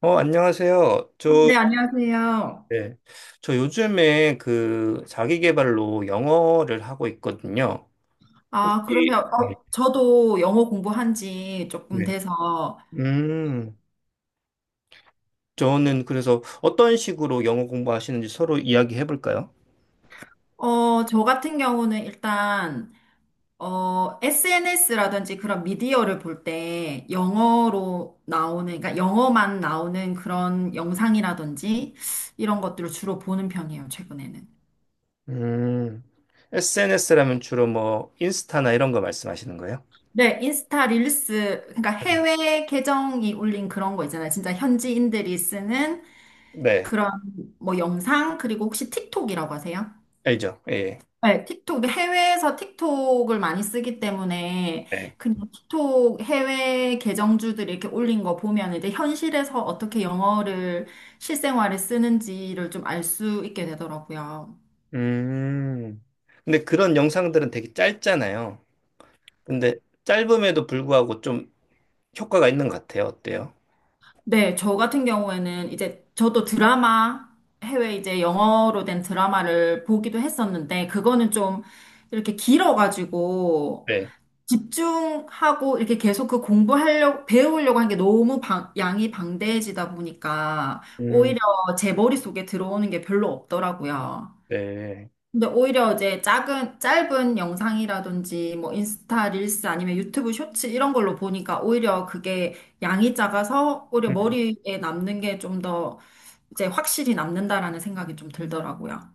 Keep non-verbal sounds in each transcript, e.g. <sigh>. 안녕하세요. 네, 안녕하세요. 네. 저 요즘에 그 자기 개발로 영어를 하고 있거든요. 아, 그러면 네. 저도 영어 공부한 지 조금 네. 돼서 음, 저는 그래서 어떤 식으로 영어 공부하시는지 서로 이야기해 볼까요? 저 같은 경우는 일단 SNS라든지 그런 미디어를 볼 때 영어로 나오는 그러니까 영어만 나오는 그런 영상이라든지 이런 것들을 주로 보는 편이에요, 최근에는. 음, SNS라면 주로 뭐 인스타나 이런 거 말씀하시는 거예요? 네, 인스타 릴스, 그러니까 네. 해외 계정이 올린 그런 거 있잖아요. 진짜 현지인들이 쓰는 네, 그런 뭐 영상, 그리고 혹시 틱톡이라고 하세요? 알죠. 예. 네, 틱톡, 근데 해외에서 틱톡을 많이 쓰기 때문에 네. 그냥 틱톡 해외 계정주들이 이렇게 올린 거 보면 이제 현실에서 어떻게 영어를 실생활에 쓰는지를 좀 알 수 있게 되더라고요. 음, 근데 그런 영상들은 되게 짧잖아요. 근데 짧음에도 불구하고 좀 효과가 있는 것 같아요. 어때요? 네, 저 같은 경우에는 이제 저도 드라마, 해외 이제 영어로 된 드라마를 보기도 했었는데 그거는 좀 이렇게 길어가지고 네. 집중하고 이렇게 계속 그 공부하려고, 배우려고 하는 게 너무 양이 방대해지다 보니까 음, 오히려 제 머릿속에 들어오는 게 별로 없더라고요. 네. 근데 오히려 이제 작은, 짧은 영상이라든지 뭐 인스타 릴스 아니면 유튜브 쇼츠 이런 걸로 보니까 오히려 그게 양이 작아서 오히려 음. 머리에 남는 게 좀 더 이제 확실히 남는다라는 생각이 좀 들더라고요.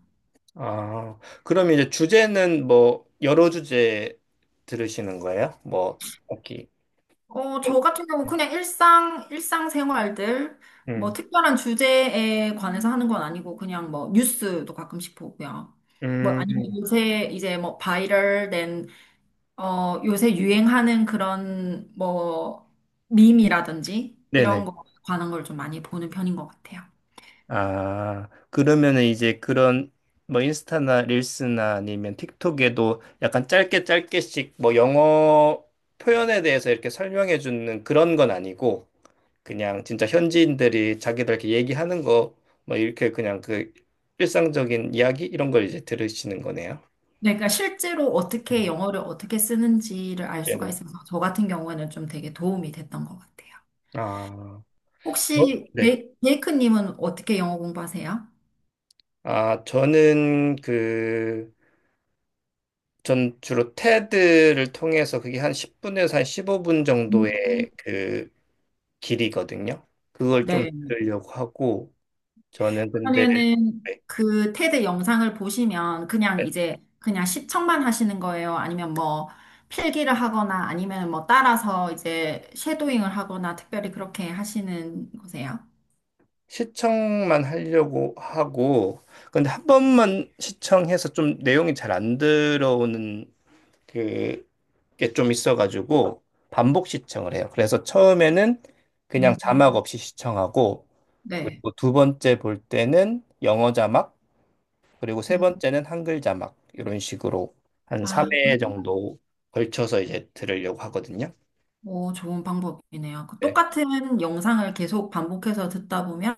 아, 그럼 이제 주제는 뭐 여러 주제 들으시는 거예요? 뭐 딱히. 저 같은 경우 그냥 일상, 일상생활들, 뭐 음, 특별한 주제에 관해서 하는 건 아니고 그냥 뭐 뉴스도 가끔씩 보고요. 뭐 아니면 음, 요새 이제 뭐 바이럴된, 요새 유행하는 그런 뭐 밈이라든지 네네. 이런 거 관한 걸 좀 많이 보는 편인 것 같아요. 아, 그러면은 이제 그런 뭐 인스타나 릴스나 아니면 틱톡에도 약간 짧게 짧게씩 뭐 영어 표현에 대해서 이렇게 설명해 주는 그런 건 아니고 그냥 진짜 현지인들이 자기들 이렇게 얘기하는 거, 뭐 이렇게 그냥 그 일상적인 이야기 이런 걸 이제 들으시는 거네요. 네, 그러니까 실제로 어떻게 음. 영어를 어떻게 쓰는지를 알 수가 네네. 있어서 저 같은 경우에는 좀 되게 도움이 됐던 것 같아요. 아, 저? 혹시 네. 제이크님은 어떻게 영어 공부하세요? 아, 저는 전 주로 테드를 통해서 그게 한 10분에서 한 15분 음. 정도의 그 길이거든요. 그걸 좀 네. 들으려고 하고, 저는 근데. 그러면은 네, 그 테드 영상을 보시면 그냥 네. 이제 그냥 시청만 하시는 거예요? 아니면 뭐 필기를 하거나 아니면 뭐 따라서 이제 쉐도잉을 하거나 특별히 그렇게 하시는 거세요? 시청만 하려고 하고, 근데 한 번만 시청해서 좀 내용이 잘 안 들어오는 그 게 좀 있어가지고 반복 시청을 해요. 그래서 처음에는 그냥 음. 자막 없이 시청하고, 네. 그리고 두 번째 볼 때는 영어 자막, 그리고 세 음. 번째는 한글 자막, 이런 식으로 한 아, 3회 정도 걸쳐서 이제 들으려고 하거든요. 오, 좋은 방법이네요. 그 네, 똑같은 영상을 계속 반복해서 듣다 보면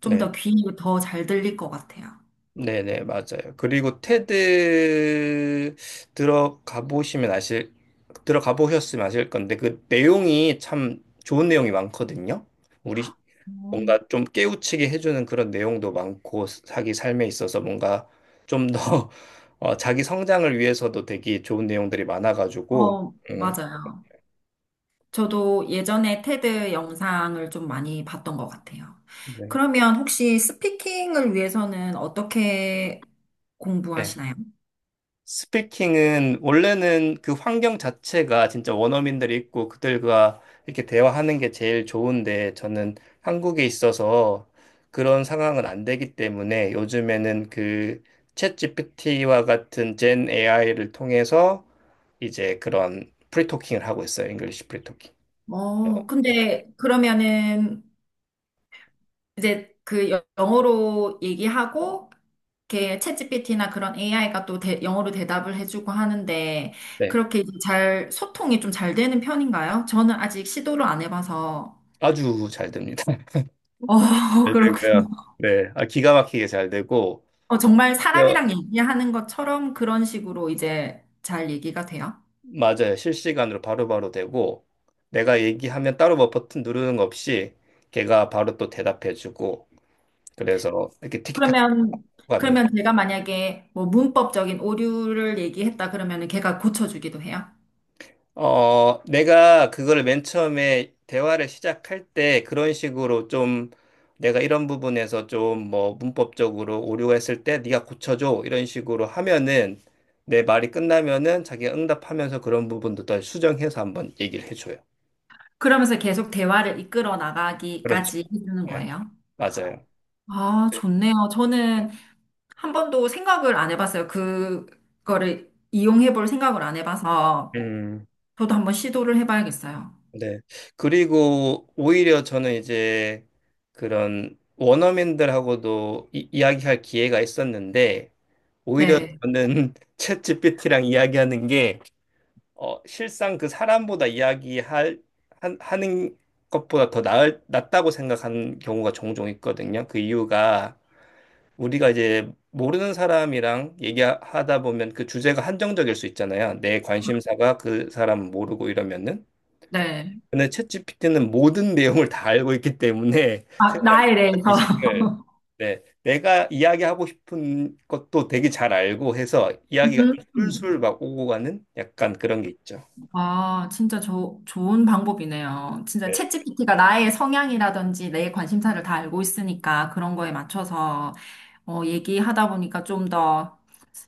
좀 네, 더 귀에 더 잘 들릴 것 같아요. 네, 네, 맞아요. 그리고 테드 들어가 보시면 아실 들어가 보셨으면 아실 건데, 그 내용이 참 좋은 내용이 많거든요. 우리 뭔가 음. 좀 깨우치게 해주는 그런 내용도 많고, 자기 삶에 있어서 뭔가 좀 더 <laughs> 자기 성장을 위해서도 되게 좋은 내용들이 많아가지고. 어, 음, 맞아요. 저도 예전에 테드 영상을 좀 많이 봤던 것 같아요. 네. 그러면 혹시 스피킹을 위해서는 어떻게 네. 공부하시나요? 스피킹은 원래는 그 환경 자체가 진짜 원어민들이 있고 그들과 이렇게 대화하는 게 제일 좋은데, 저는 한국에 있어서 그런 상황은 안 되기 때문에 요즘에는 그 챗GPT와 같은 젠 AI를 통해서 이제 그런 프리토킹을 하고 있어요. 잉글리시 프리토킹. 어, 어, 근데 그러면은 이제 그 영어로 얘기하고 이렇게 챗GPT나 그런 AI가 또 영어로 대답을 해주고 하는데 네. 그렇게 이제 잘 소통이 좀 잘 되는 편인가요? 저는 아직 시도를 안 해봐서. 아주 잘 됩니다. <laughs> 어, <laughs> 잘 그렇군요. 되고요. 네. 아, 기가 막히게 잘 되고, 어, 정말 사람이랑 얘기하는 것처럼 그런 식으로 이제 잘 얘기가 돼요? 맞아요. 실시간으로 바로바로 되고, 내가 얘기하면 따로 뭐 버튼 누르는 거 없이 걔가 바로 또 대답해주고, 그래서 이렇게 티키타카 그러면, 하면서. 그러면 제가 만약에 뭐 문법적인 오류를 얘기했다 그러면은 걔가 고쳐주기도 해요? 내가 그걸 맨 처음에 대화를 시작할 때 그런 식으로 좀, 내가 이런 부분에서 좀 뭐 문법적으로 오류가 있을 때 네가 고쳐줘 이런 식으로 하면은 내 말이 끝나면은 자기가 응답하면서 그런 부분도 다 수정해서 한번 얘기를 해줘요. 그러면서 계속 대화를 이끌어 그렇죠. 나가기까지 해주는 네, 거예요? 맞아요. 아, 좋네요. 저는 한 번도 생각을 안 해봤어요. 그거를 이용해 볼 생각을 안 해봐서 음. 저도 한번 시도를 해봐야겠어요. 네. 그리고 오히려 저는 이제 그런 원어민들하고도 이야기할 기회가 있었는데, 오히려 네, 저는 <laughs> 챗GPT랑 이야기하는 게 실상 그 사람보다 이야기할, 하는 것보다 더 낫다고 생각하는 경우가 종종 있거든요. 그 이유가, 우리가 이제 모르는 사람이랑 얘기하다 보면 그 주제가 한정적일 수 있잖아요. 내 관심사가 그 사람 모르고 이러면은. 네. 근데 챗GPT는 모든 내용을 다 알고 있기 때문에 <laughs> 아, 생각이. 나에 대해서. 지식을. 네, 내가 이야기하고 싶은 것도 되게 잘 알고 해서 이야기가 좀 <laughs> 음. 술술 막 오고 가는 약간 그런 게 있죠. 와, 진짜 좋은 방법이네요. 진짜 네, 챗GPT가 나의 성향이라든지 내 관심사를 다 알고 있으니까 그런 거에 맞춰서 얘기하다 보니까 좀 더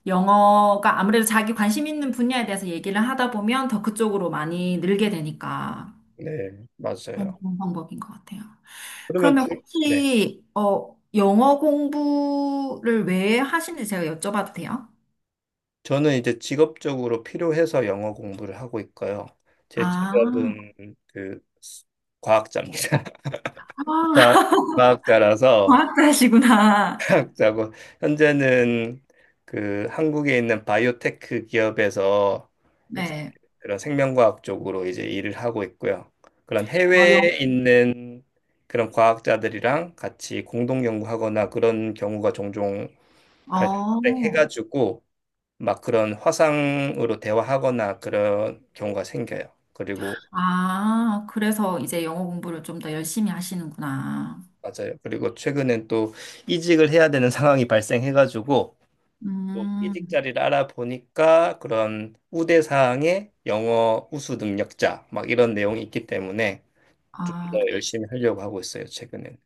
영어가 아무래도 자기 관심 있는 분야에 대해서 얘기를 하다 보면 더 그쪽으로 많이 늘게 되니까 네, 어, 맞아요. 좋은 방법인 것 같아요. 그러면 그러면 주. 네, 혹시 어, 영어 공부를 왜 하시는지 제가 여쭤봐도 돼요? 저는 이제 직업적으로 필요해서 영어 공부를 하고 있고요. 제 아, 직업은 그 과학자입니다. <laughs> 과, 아, <laughs> 과학자라서 과학자시구나. 하고, 현재는 그 한국에 있는 바이오테크 기업에서 이제 네. 그런 생명과학 쪽으로 이제 일을 하고 있고요. 그런 아, 해외에 있는 그런 과학자들이랑 같이 공동 연구하거나 그런 경우가 종종 어, 발생해가지고, 막 그런 화상으로 대화하거나 그런 경우가 생겨요. 그리고 아, 그래서 이제 영어 공부를 좀 더 열심히 하시는구나. 맞아요. 그리고 최근엔 또 이직을 해야 되는 상황이 발생해가지고, 음, 이직 자리를 알아보니까 그런 우대사항에 영어 우수 능력자 막 이런 내용이 있기 때문에 좀 아, 더 열심히 하려고 하고 있어요, 최근엔.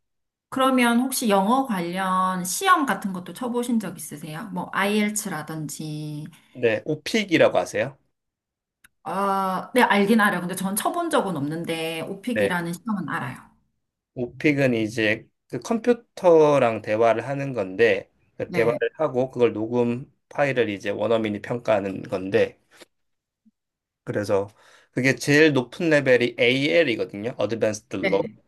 그러면 혹시 영어 관련 시험 같은 것도 쳐보신 적 있으세요? 뭐, IELTS라든지. 네, 오픽이라고 아세요? 아, 네, 알긴 알아요. 근데 전 쳐본 적은 없는데, 네, 오픽이라는 시험은 알아요. 오픽은 이제 그 컴퓨터랑 대화를 하는 건데, 그 대화를 네, 하고 그걸 녹음 파일을 이제 원어민이 평가하는 건데, 그래서 그게 제일 높은 레벨이 AL이거든요, Advanced Low. 네,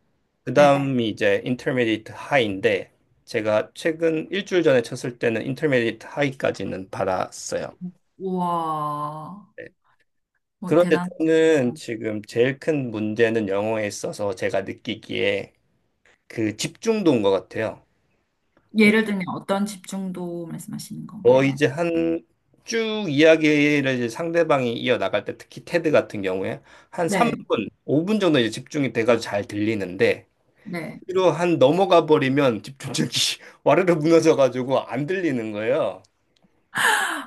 네. 그다음이 이제 인터미디 h 트 하이인데, 제가 최근 일주일 전에 쳤을 때는 인터미디 h 트 하이까지는 받았어요. 우와, 네. 뭐, 그런데 대단하시구나. 저는 지금 제일 큰 문제는 영어에 있어서 제가 느끼기에 그 집중도인 것 같아요. 음, 예를 들면 어떤 집중도 말씀하시는 건가요? 이제 한 쭉 이야기를 이제 상대방이 이어나갈 때, 특히 테드 같은 경우에 한 네, 3분, 5분 정도 이제 집중이 돼가지고 잘 들리는데, 네. 뒤로 한 넘어가 버리면 집중력이 <laughs> 와르르 무너져가지고 안 들리는 거예요.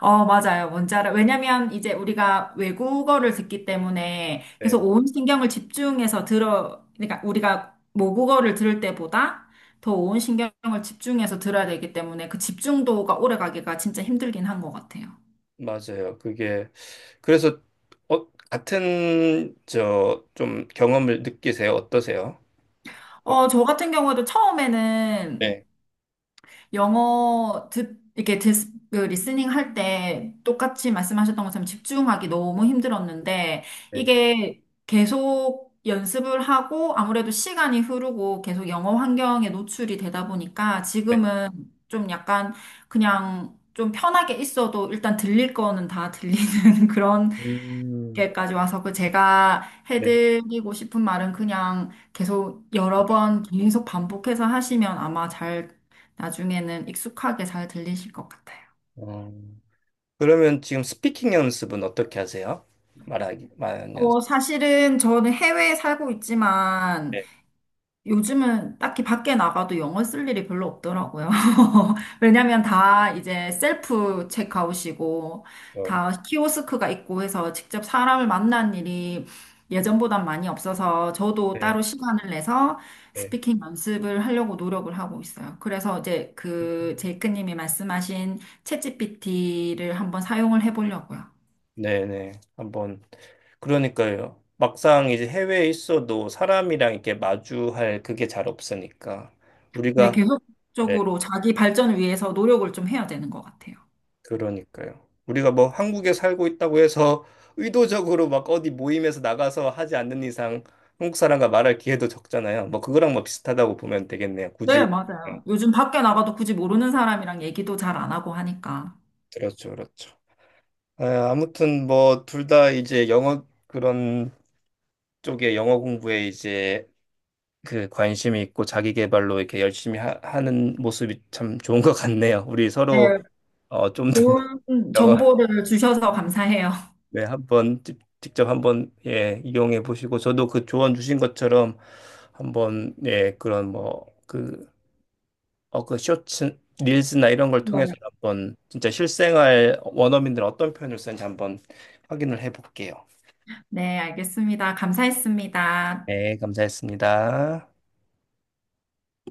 어, 맞아요. 원자를. 왜냐면 이제 우리가 외국어를 듣기 때문에 그래서 네. 온 신경을 집중해서 들어, 그러니까 우리가 모국어를 들을 때보다 더 온 신경을 집중해서 들어야 되기 때문에 그 집중도가 오래 가기가 진짜 힘들긴 한 것 같아요. 맞아요. 그게 그래서, 같은 저 좀 경험을 느끼세요? 어떠세요? 어, 어, 저 같은 경우에도 처음에는 네, 영어 이렇게 듣 그 리스닝 할 때 똑같이 말씀하셨던 것처럼 집중하기 너무 힘들었는데 네, 이게 계속 연습을 하고 아무래도 시간이 흐르고 계속 영어 환경에 노출이 되다 보니까 네. 지금은 좀 약간 그냥 좀 편하게 있어도 일단 들릴 거는 다 들리는 <laughs> 그런 음, 이렇게까지 와서 그 제가 네. 해드리고 싶은 말은 그냥 계속 여러 번 계속 반복해서 하시면 아마 잘 나중에는 익숙하게 잘 들리실 것 같아요. 어, 그러면 지금 스피킹 연습은 어떻게 하세요? 말하기, 말하는 연습. 어, 사실은 저는 해외에 살고 있지만 네, 요즘은 딱히 밖에 나가도 영어 쓸 일이 별로 없더라고요. <laughs> 왜냐면 다 이제 셀프 체크아웃이고, 저. 다 키오스크가 있고 해서 직접 사람을 만난 일이 예전보단 많이 없어서 저도 네, 따로 시간을 내서 네, 스피킹 연습을 하려고 노력을 하고 있어요. 그래서 이제 그 제이크님이 말씀하신 챗GPT를 한번 사용을 해보려고요. 네, 네. 한번. 그러니까요. 막상 이제 해외에 있어도 사람이랑 이렇게 마주할 그게 잘 없으니까 네, 우리가. 계속적으로 자기 발전을 위해서 노력을 좀 해야 되는 것 같아요. 그러니까요. 우리가 뭐 한국에 살고 있다고 해서 의도적으로 막 어디 모임에서 나가서 하지 않는 이상 한국 사람과 말할 기회도 적잖아요. 뭐 그거랑 뭐 비슷하다고 보면 되겠네요. 네, 굳이. 네, 맞아요. 요즘 밖에 나가도 굳이 모르는 사람이랑 얘기도 잘 안 하고 하니까. 그렇죠, 그렇죠. 아, 아무튼 뭐 둘 다 이제 영어 그런 쪽에, 영어 공부에 이제 그 관심이 있고 자기 개발로 이렇게 열심히 하, 는 모습이 참 좋은 것 같네요. 우리 네, 서로 좀 더 좋은 <laughs> 영어. 정보를 주셔서 감사해요. 네, 한번 직접 한번 예, 이용해 보시고, 저도 그 조언 주신 것처럼 한번 예, 그런 뭐 그, 그 쇼츠 릴스나 이런 걸 통해서 네. 한번 진짜 실생활 원어민들 어떤 표현을 쓰는지 한번 확인을 해 볼게요. 네, 알겠습니다. 감사했습니다. 네, 감사했습니다.